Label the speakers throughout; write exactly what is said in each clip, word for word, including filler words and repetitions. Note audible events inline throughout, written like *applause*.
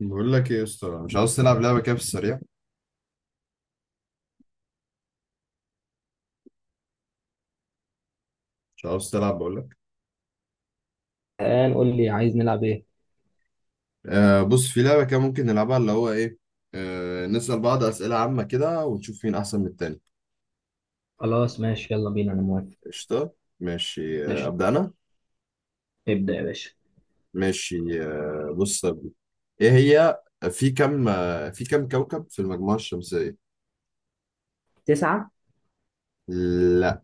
Speaker 1: بقول لك ايه يا اسطى، مش عاوز تلعب لعبه كده في السريع؟ مش عاوز تلعب بقول لك.
Speaker 2: الآن قول لي عايز نلعب إيه؟
Speaker 1: آه بص، في لعبه كده ممكن نلعبها، اللي هو ايه، آه نسال بعض اسئله عامه كده ونشوف مين احسن من التاني.
Speaker 2: خلاص ماشي يلا بينا أنا موافق.
Speaker 1: قشطه. ماشي، آه
Speaker 2: ماشي
Speaker 1: ابدا انا.
Speaker 2: ابدأ يا باشا.
Speaker 1: ماشي، آه بص يا ابني. ايه هي؟ في كم آه، في كم كوكب في المجموعه الشمسيه؟
Speaker 2: تسعة.
Speaker 1: لا.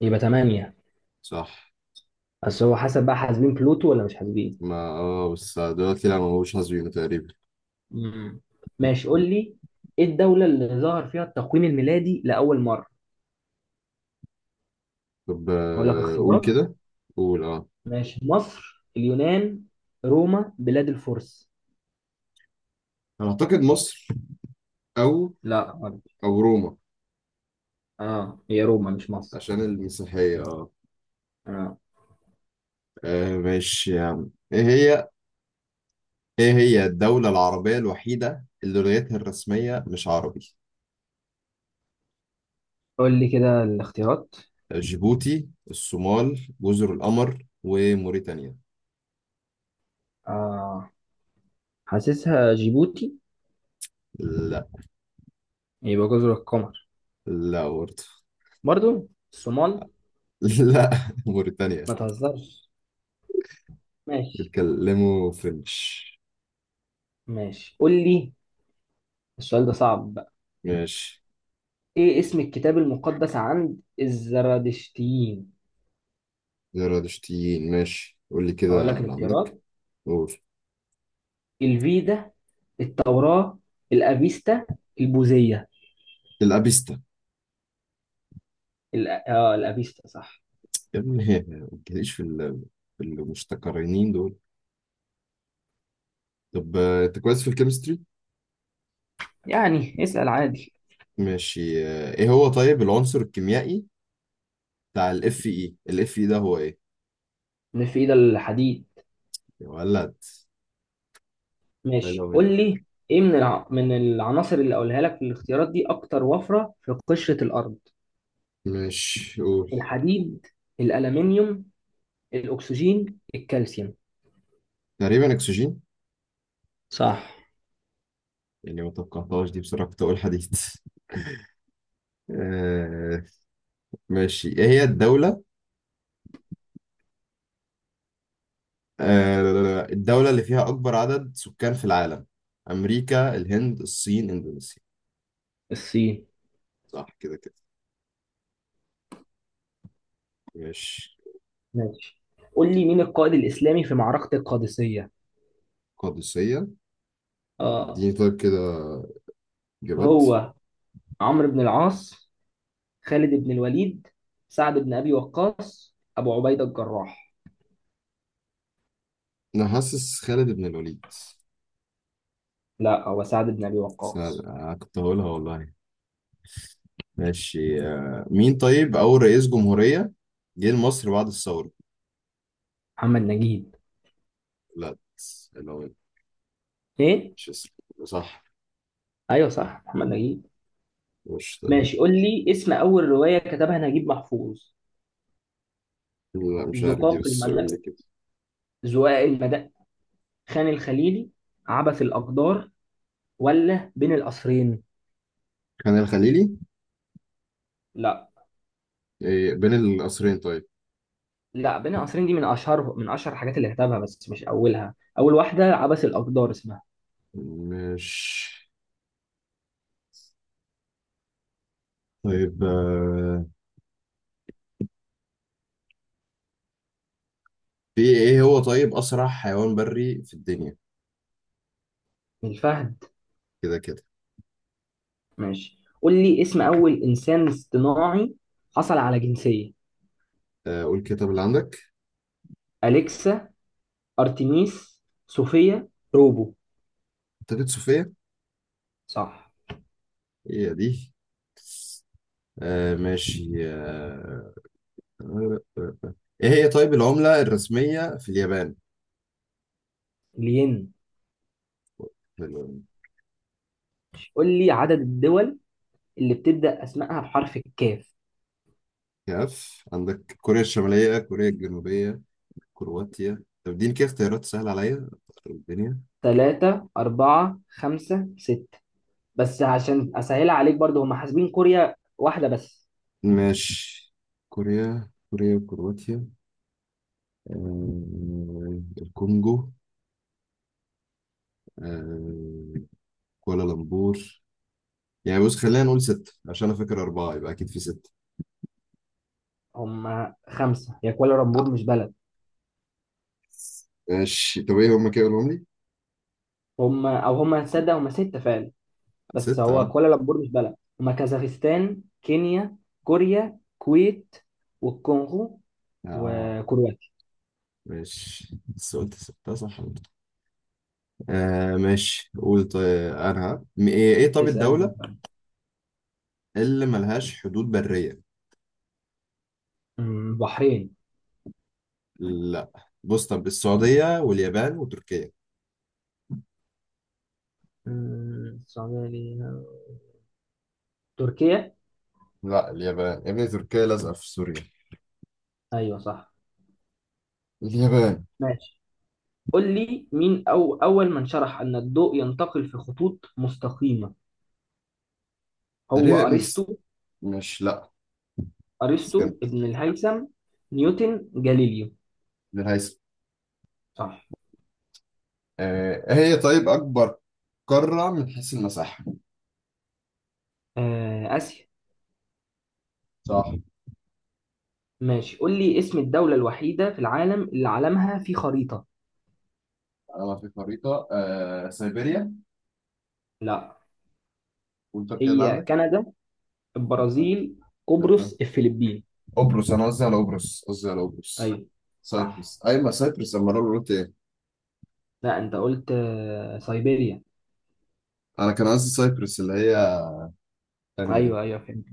Speaker 2: يبقى تمانية.
Speaker 1: صح.
Speaker 2: بس هو حسب بقى حاسبين بلوتو ولا مش حاسبين؟
Speaker 1: ما اه بس دلوقتي لا، ما هوش حاسبينه تقريبا.
Speaker 2: مم. ماشي قول لي، إيه الدولة اللي ظهر فيها التقويم الميلادي لأول مرة؟
Speaker 1: طب
Speaker 2: أقول لك
Speaker 1: آه قول
Speaker 2: اختيارات.
Speaker 1: كده. قول اه
Speaker 2: ماشي، مصر، اليونان، روما، بلاد الفرس.
Speaker 1: انا اعتقد مصر. او.
Speaker 2: لا غلط.
Speaker 1: او روما.
Speaker 2: اه هي روما مش مصر.
Speaker 1: عشان المسيحيه، اه.
Speaker 2: اه،
Speaker 1: آه، ماشي يا عم، ايه هي؟ ايه هي الدولة العربية الوحيدة اللي لغتها الرسمية مش عربي؟
Speaker 2: قول لي كده الاختيارات.
Speaker 1: جيبوتي، الصومال، جزر القمر، وموريتانيا.
Speaker 2: آه حاسسها جيبوتي.
Speaker 1: لا.
Speaker 2: يبقى جزر القمر.
Speaker 1: لا برضه.
Speaker 2: برضو الصومال.
Speaker 1: *laughs* لا. موريتانيا.
Speaker 2: ما تهزرش. ماشي.
Speaker 1: بيتكلموا فرنش.
Speaker 2: ماشي قول لي، السؤال ده صعب بقى.
Speaker 1: ماشي.
Speaker 2: ايه اسم الكتاب المقدس عند الزرادشتيين؟
Speaker 1: زرادشتيين. ماشي، قول لي
Speaker 2: هقول
Speaker 1: كده
Speaker 2: لك
Speaker 1: اللي عندك.
Speaker 2: الاختيارات:
Speaker 1: قول.
Speaker 2: الفيدا، التوراة، الأفيستا، البوذية.
Speaker 1: الأبيستا.
Speaker 2: الأ... اه الأفيستا صح.
Speaker 1: يا ابني *laughs* ما تجيليش في ال- في المشتقرنين دول. طب آه، انت كويس في الكيمستري.
Speaker 2: يعني اسأل عادي.
Speaker 1: ماشي، آه، ايه هو طيب العنصر الكيميائي بتاع الاف اي الاف اي ده؟ هو ايه؟
Speaker 2: مش في ايد الحديد.
Speaker 1: يا ولد. حلو
Speaker 2: ماشي قول
Speaker 1: مني.
Speaker 2: لي. ايه من الع... من العناصر اللي اقولها لك في الاختيارات دي اكتر وفرة في قشرة الارض؟
Speaker 1: مش قول.
Speaker 2: الحديد، الألمنيوم، الأكسجين، الكالسيوم.
Speaker 1: تقريبا اكسجين.
Speaker 2: صح.
Speaker 1: يعني ما توقعتهاش دي بصراحة، كنت اقول حديد *laughs* آه. ماشي، ايه هي الدولة، آه لا، لا، لا، الدولة اللي فيها اكبر عدد سكان في العالم؟ امريكا، الهند، الصين، اندونيسيا.
Speaker 2: الصين.
Speaker 1: صح كده كده. ماشي.
Speaker 2: ماشي قول لي، مين القائد الإسلامي في معركة القادسية؟
Speaker 1: قادسية.
Speaker 2: آه،
Speaker 1: اديني طيب كده اجابات.
Speaker 2: هو عمرو بن العاص، خالد بن الوليد، سعد بن أبي وقاص، أبو عبيدة الجراح.
Speaker 1: انا حاسس خالد بن الوليد.
Speaker 2: لا، هو سعد بن أبي
Speaker 1: سهل.
Speaker 2: وقاص.
Speaker 1: آه، كنت هقولها والله. ماشي، آه، مين طيب أول رئيس جمهورية جه لمصر بعد الثورة؟
Speaker 2: محمد نجيب.
Speaker 1: لا. لا،
Speaker 2: إيه؟
Speaker 1: مش اسمه. صح.
Speaker 2: أيوه صح محمد نجيب.
Speaker 1: مش طيب.
Speaker 2: ماشي قول لي اسم أول رواية كتبها نجيب محفوظ.
Speaker 1: لا مش عارف دي،
Speaker 2: زقاق
Speaker 1: بس قول
Speaker 2: المدى،
Speaker 1: لي كده.
Speaker 2: زقاق المدى، خان الخليلي، عبث الأقدار، ولا بين القصرين؟
Speaker 1: كان الخليلي.
Speaker 2: لا.
Speaker 1: إيه، بين القصرين طيب.
Speaker 2: لا، بين القصرين دي من اشهر من اشهر الحاجات اللي كتبها، بس مش اولها. اول واحده عبث الاقدار اسمها.
Speaker 1: مش طيب. آه، في ايه هو طيب أسرع حيوان بري في الدنيا؟
Speaker 2: من الفهد.
Speaker 1: كده كده.
Speaker 2: ماشي قول لي اسم اول انسان اصطناعي حصل على جنسيه:
Speaker 1: آه، قول كده طب اللي عندك.
Speaker 2: اليكسا، ارتميس، صوفيا، روبو.
Speaker 1: كتابة صوفيا.
Speaker 2: صح.
Speaker 1: هي دي. آه، ماشي آه، ايه هي طيب العملة الرسمية في اليابان؟
Speaker 2: لين. قول لي عدد الدول اللي بتبدا اسمائها بحرف الكاف:
Speaker 1: كاف. عندك كوريا الشمالية، كوريا الجنوبية، كرواتيا. طب اديني كده اختيارات سهلة عليا أخرب الدنيا.
Speaker 2: ثلاثة، أربعة، خمسة، ستة. بس عشان أسهلها عليك برضو، هم حاسبين كوريا واحدة بس.
Speaker 1: ماشي. كوريا، كوريا، وكرواتيا. آه... الكونجو. آه... كوالالمبور. يعني بص، خلينا نقول ستة، عشان أنا فاكر أربعة يبقى أكيد في ستة.
Speaker 2: هم خمسة، هي كوالا لامبور
Speaker 1: آه،
Speaker 2: مش بلد.
Speaker 1: ماشي، طب إيه هما كده قولهم لي؟
Speaker 2: هم او هم تصدق هم ستة فعلا. بس
Speaker 1: ستة،
Speaker 2: هو
Speaker 1: أه.
Speaker 2: كوالالمبور مش بلد. هم كازاخستان، كينيا، كوريا، كويت، والكونغو،
Speaker 1: آه
Speaker 2: وكرواتيا.
Speaker 1: ماشي، بس قلت ستة صح برضه. آه ماشي، قول طيب. أنا م- إيه إيه طب
Speaker 2: اسأل.
Speaker 1: الدولة اللي ملهاش حدود برية؟
Speaker 2: أمم، بحرين.
Speaker 1: لا. بص، طب السعودية واليابان وتركيا.
Speaker 2: أمم، السعودية ليها. تركيا.
Speaker 1: لا اليابان يا ابني، تركيا لازقة في سوريا.
Speaker 2: ايوه صح.
Speaker 1: اليابان.
Speaker 2: ماشي قول لي، مين أو اول من شرح ان الضوء ينتقل في خطوط مستقيمة؟ هو
Speaker 1: تقريبا ابن س...
Speaker 2: ارسطو.
Speaker 1: مش لا، اسكندر.
Speaker 2: ارسطو، ابن الهيثم، نيوتن، جاليليو.
Speaker 1: ابن الهيثم.
Speaker 2: صح.
Speaker 1: آه هي طيب أكبر قارة من حيث المساحة؟
Speaker 2: آه، اسيا.
Speaker 1: صح.
Speaker 2: ماشي قول لي اسم الدولة الوحيدة في العالم اللي علمها في خريطة.
Speaker 1: أنا في خريطة، آه سيبيريا.
Speaker 2: لا.
Speaker 1: وأنت كده اللي
Speaker 2: هي
Speaker 1: عندك؟
Speaker 2: كندا،
Speaker 1: لا.
Speaker 2: البرازيل،
Speaker 1: لا.
Speaker 2: قبرص، الفلبين.
Speaker 1: قبرص. أنا قصدي على قبرص قصدي على قبرص
Speaker 2: ايوه صح.
Speaker 1: سايبرس أيوة، ما سايبرس، أما أنا قلت إيه؟
Speaker 2: لا، انت قلت آه، سيبيريا.
Speaker 1: أنا كان قصدي سايبرس، اللي هي الثانية دي.
Speaker 2: ايوه، ايوه، فهمت.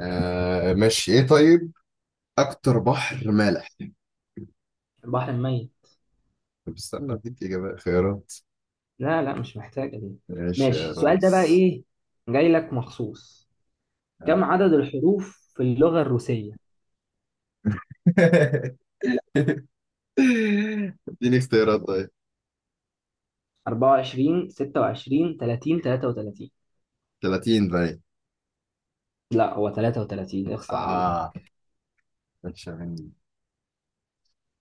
Speaker 1: آه ماشي، إيه طيب أكتر بحر مالح؟
Speaker 2: البحر الميت.
Speaker 1: طب استنى أديك إجابة خيارات.
Speaker 2: لا، لا، مش محتاجة دي.
Speaker 1: ماشي
Speaker 2: ماشي،
Speaker 1: يا
Speaker 2: السؤال ده بقى
Speaker 1: ريس.
Speaker 2: ايه، جاي لك مخصوص. كم عدد الحروف في اللغة الروسية؟
Speaker 1: *laughs* اديني اختيارات طيب.
Speaker 2: أربعة وعشرين، ستة وعشرين، ثلاثين، ثلاثة وثلاثين.
Speaker 1: ثلاثين باين.
Speaker 2: لا، هو ثلاثة وثلاثين، اخصى عليه.
Speaker 1: آه، ماشي مني.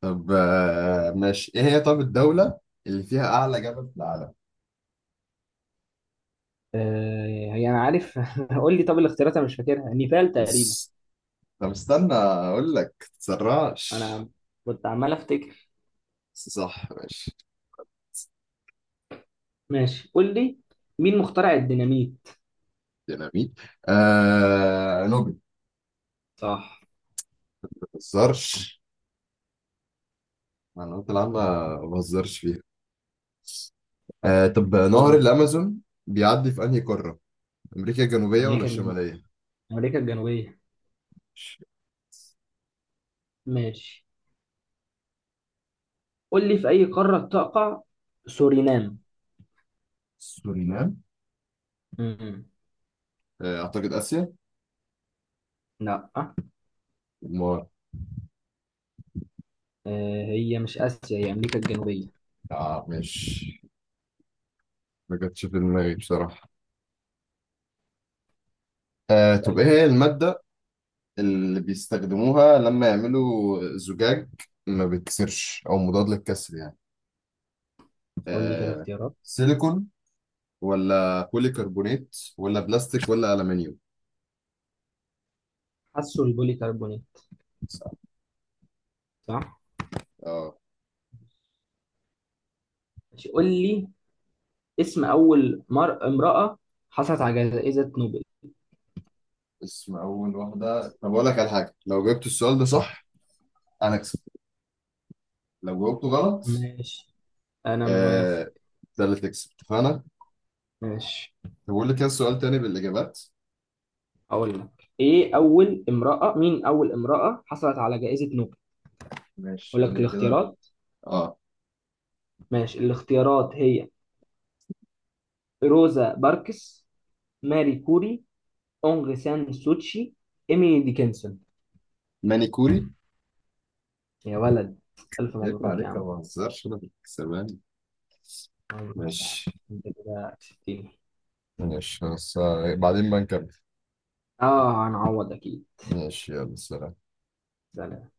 Speaker 1: طب آه، ماشي إيه هي طب الدولة اللي فيها أعلى جبل في العالم؟
Speaker 2: آه، هي انا عارف. *laughs* قول لي طب الاختيارات، انا مش فاكرها، نيبال تقريبا.
Speaker 1: الس- طب استنى أقول لك، متتسرعش.
Speaker 2: انا كنت عمال افتكر.
Speaker 1: بس صح ماشي.
Speaker 2: ماشي قول لي، مين مخترع الديناميت؟
Speaker 1: ديناميت. آه نوبل.
Speaker 2: صح.
Speaker 1: ما بهزرش. معلومات العامة، ما بهزرش فيها. آه طب
Speaker 2: قول
Speaker 1: نهر
Speaker 2: لي.
Speaker 1: الأمازون بيعدي في أنهي قارة؟ أمريكا الجنوبية ولا
Speaker 2: امريكا الجنوبيه
Speaker 1: الشمالية؟
Speaker 2: امريكا الجنوبيه ماشي قول لي، في اي قاره تقع سورينام؟
Speaker 1: سورينام.
Speaker 2: مم.
Speaker 1: آه، أعتقد آسيا.
Speaker 2: لا.
Speaker 1: ما
Speaker 2: آه، هي مش اسيا، هي امريكا الجنوبيه.
Speaker 1: آه مش ما جاتش في دماغي بصراحة. آه طب
Speaker 2: اسالني
Speaker 1: إيه
Speaker 2: يا
Speaker 1: هي
Speaker 2: باشا.
Speaker 1: المادة اللي بيستخدموها لما يعملوا زجاج ما بيتكسرش، أو مضاد للكسر يعني؟
Speaker 2: قول لي كده
Speaker 1: آه،
Speaker 2: اختيارات.
Speaker 1: سيليكون، ولا بوليكربونات، ولا بلاستيك، ولا ألمنيوم.
Speaker 2: حسوا البولي كربونيت.
Speaker 1: صح.
Speaker 2: صح.
Speaker 1: اه.
Speaker 2: ماشي قول لي اسم اول مر... امراه حصلت على جائزه نوبل.
Speaker 1: اسم أول واحدة؟ طب أقول لك على حاجة، لو جبت السؤال ده صح أنا أكسب، لو جاوبته غلط.
Speaker 2: ماشي انا موافق.
Speaker 1: آه. ده اللي تكسب، اتفقنا؟
Speaker 2: ماشي.
Speaker 1: طب بقول لك كده سؤال تاني بالإجابات.
Speaker 2: هقول لك ايه اول امرأة مين اول امرأة حصلت على جائزة نوبل.
Speaker 1: ماشي
Speaker 2: اقول
Speaker 1: قول
Speaker 2: لك
Speaker 1: لي كده.
Speaker 2: الاختيارات.
Speaker 1: اه.
Speaker 2: ماشي، الاختيارات هي: روزا باركس، ماري كوري، اونغ سان سوتشي، ايميلي ديكنسون.
Speaker 1: مانيكوري.
Speaker 2: يا ولد. الف
Speaker 1: عيب
Speaker 2: مبروك يا
Speaker 1: عليك يا ما
Speaker 2: عم.
Speaker 1: مان. بهزرش، أنا بالكسبان.
Speaker 2: مبروك يا عم.
Speaker 1: ماشي.
Speaker 2: انت كده كسبتني.
Speaker 1: ماشي، بس آه، بعدين بنكمل.
Speaker 2: اه هنعوض اكيد.
Speaker 1: ماشي، يلا سلام.
Speaker 2: سلام.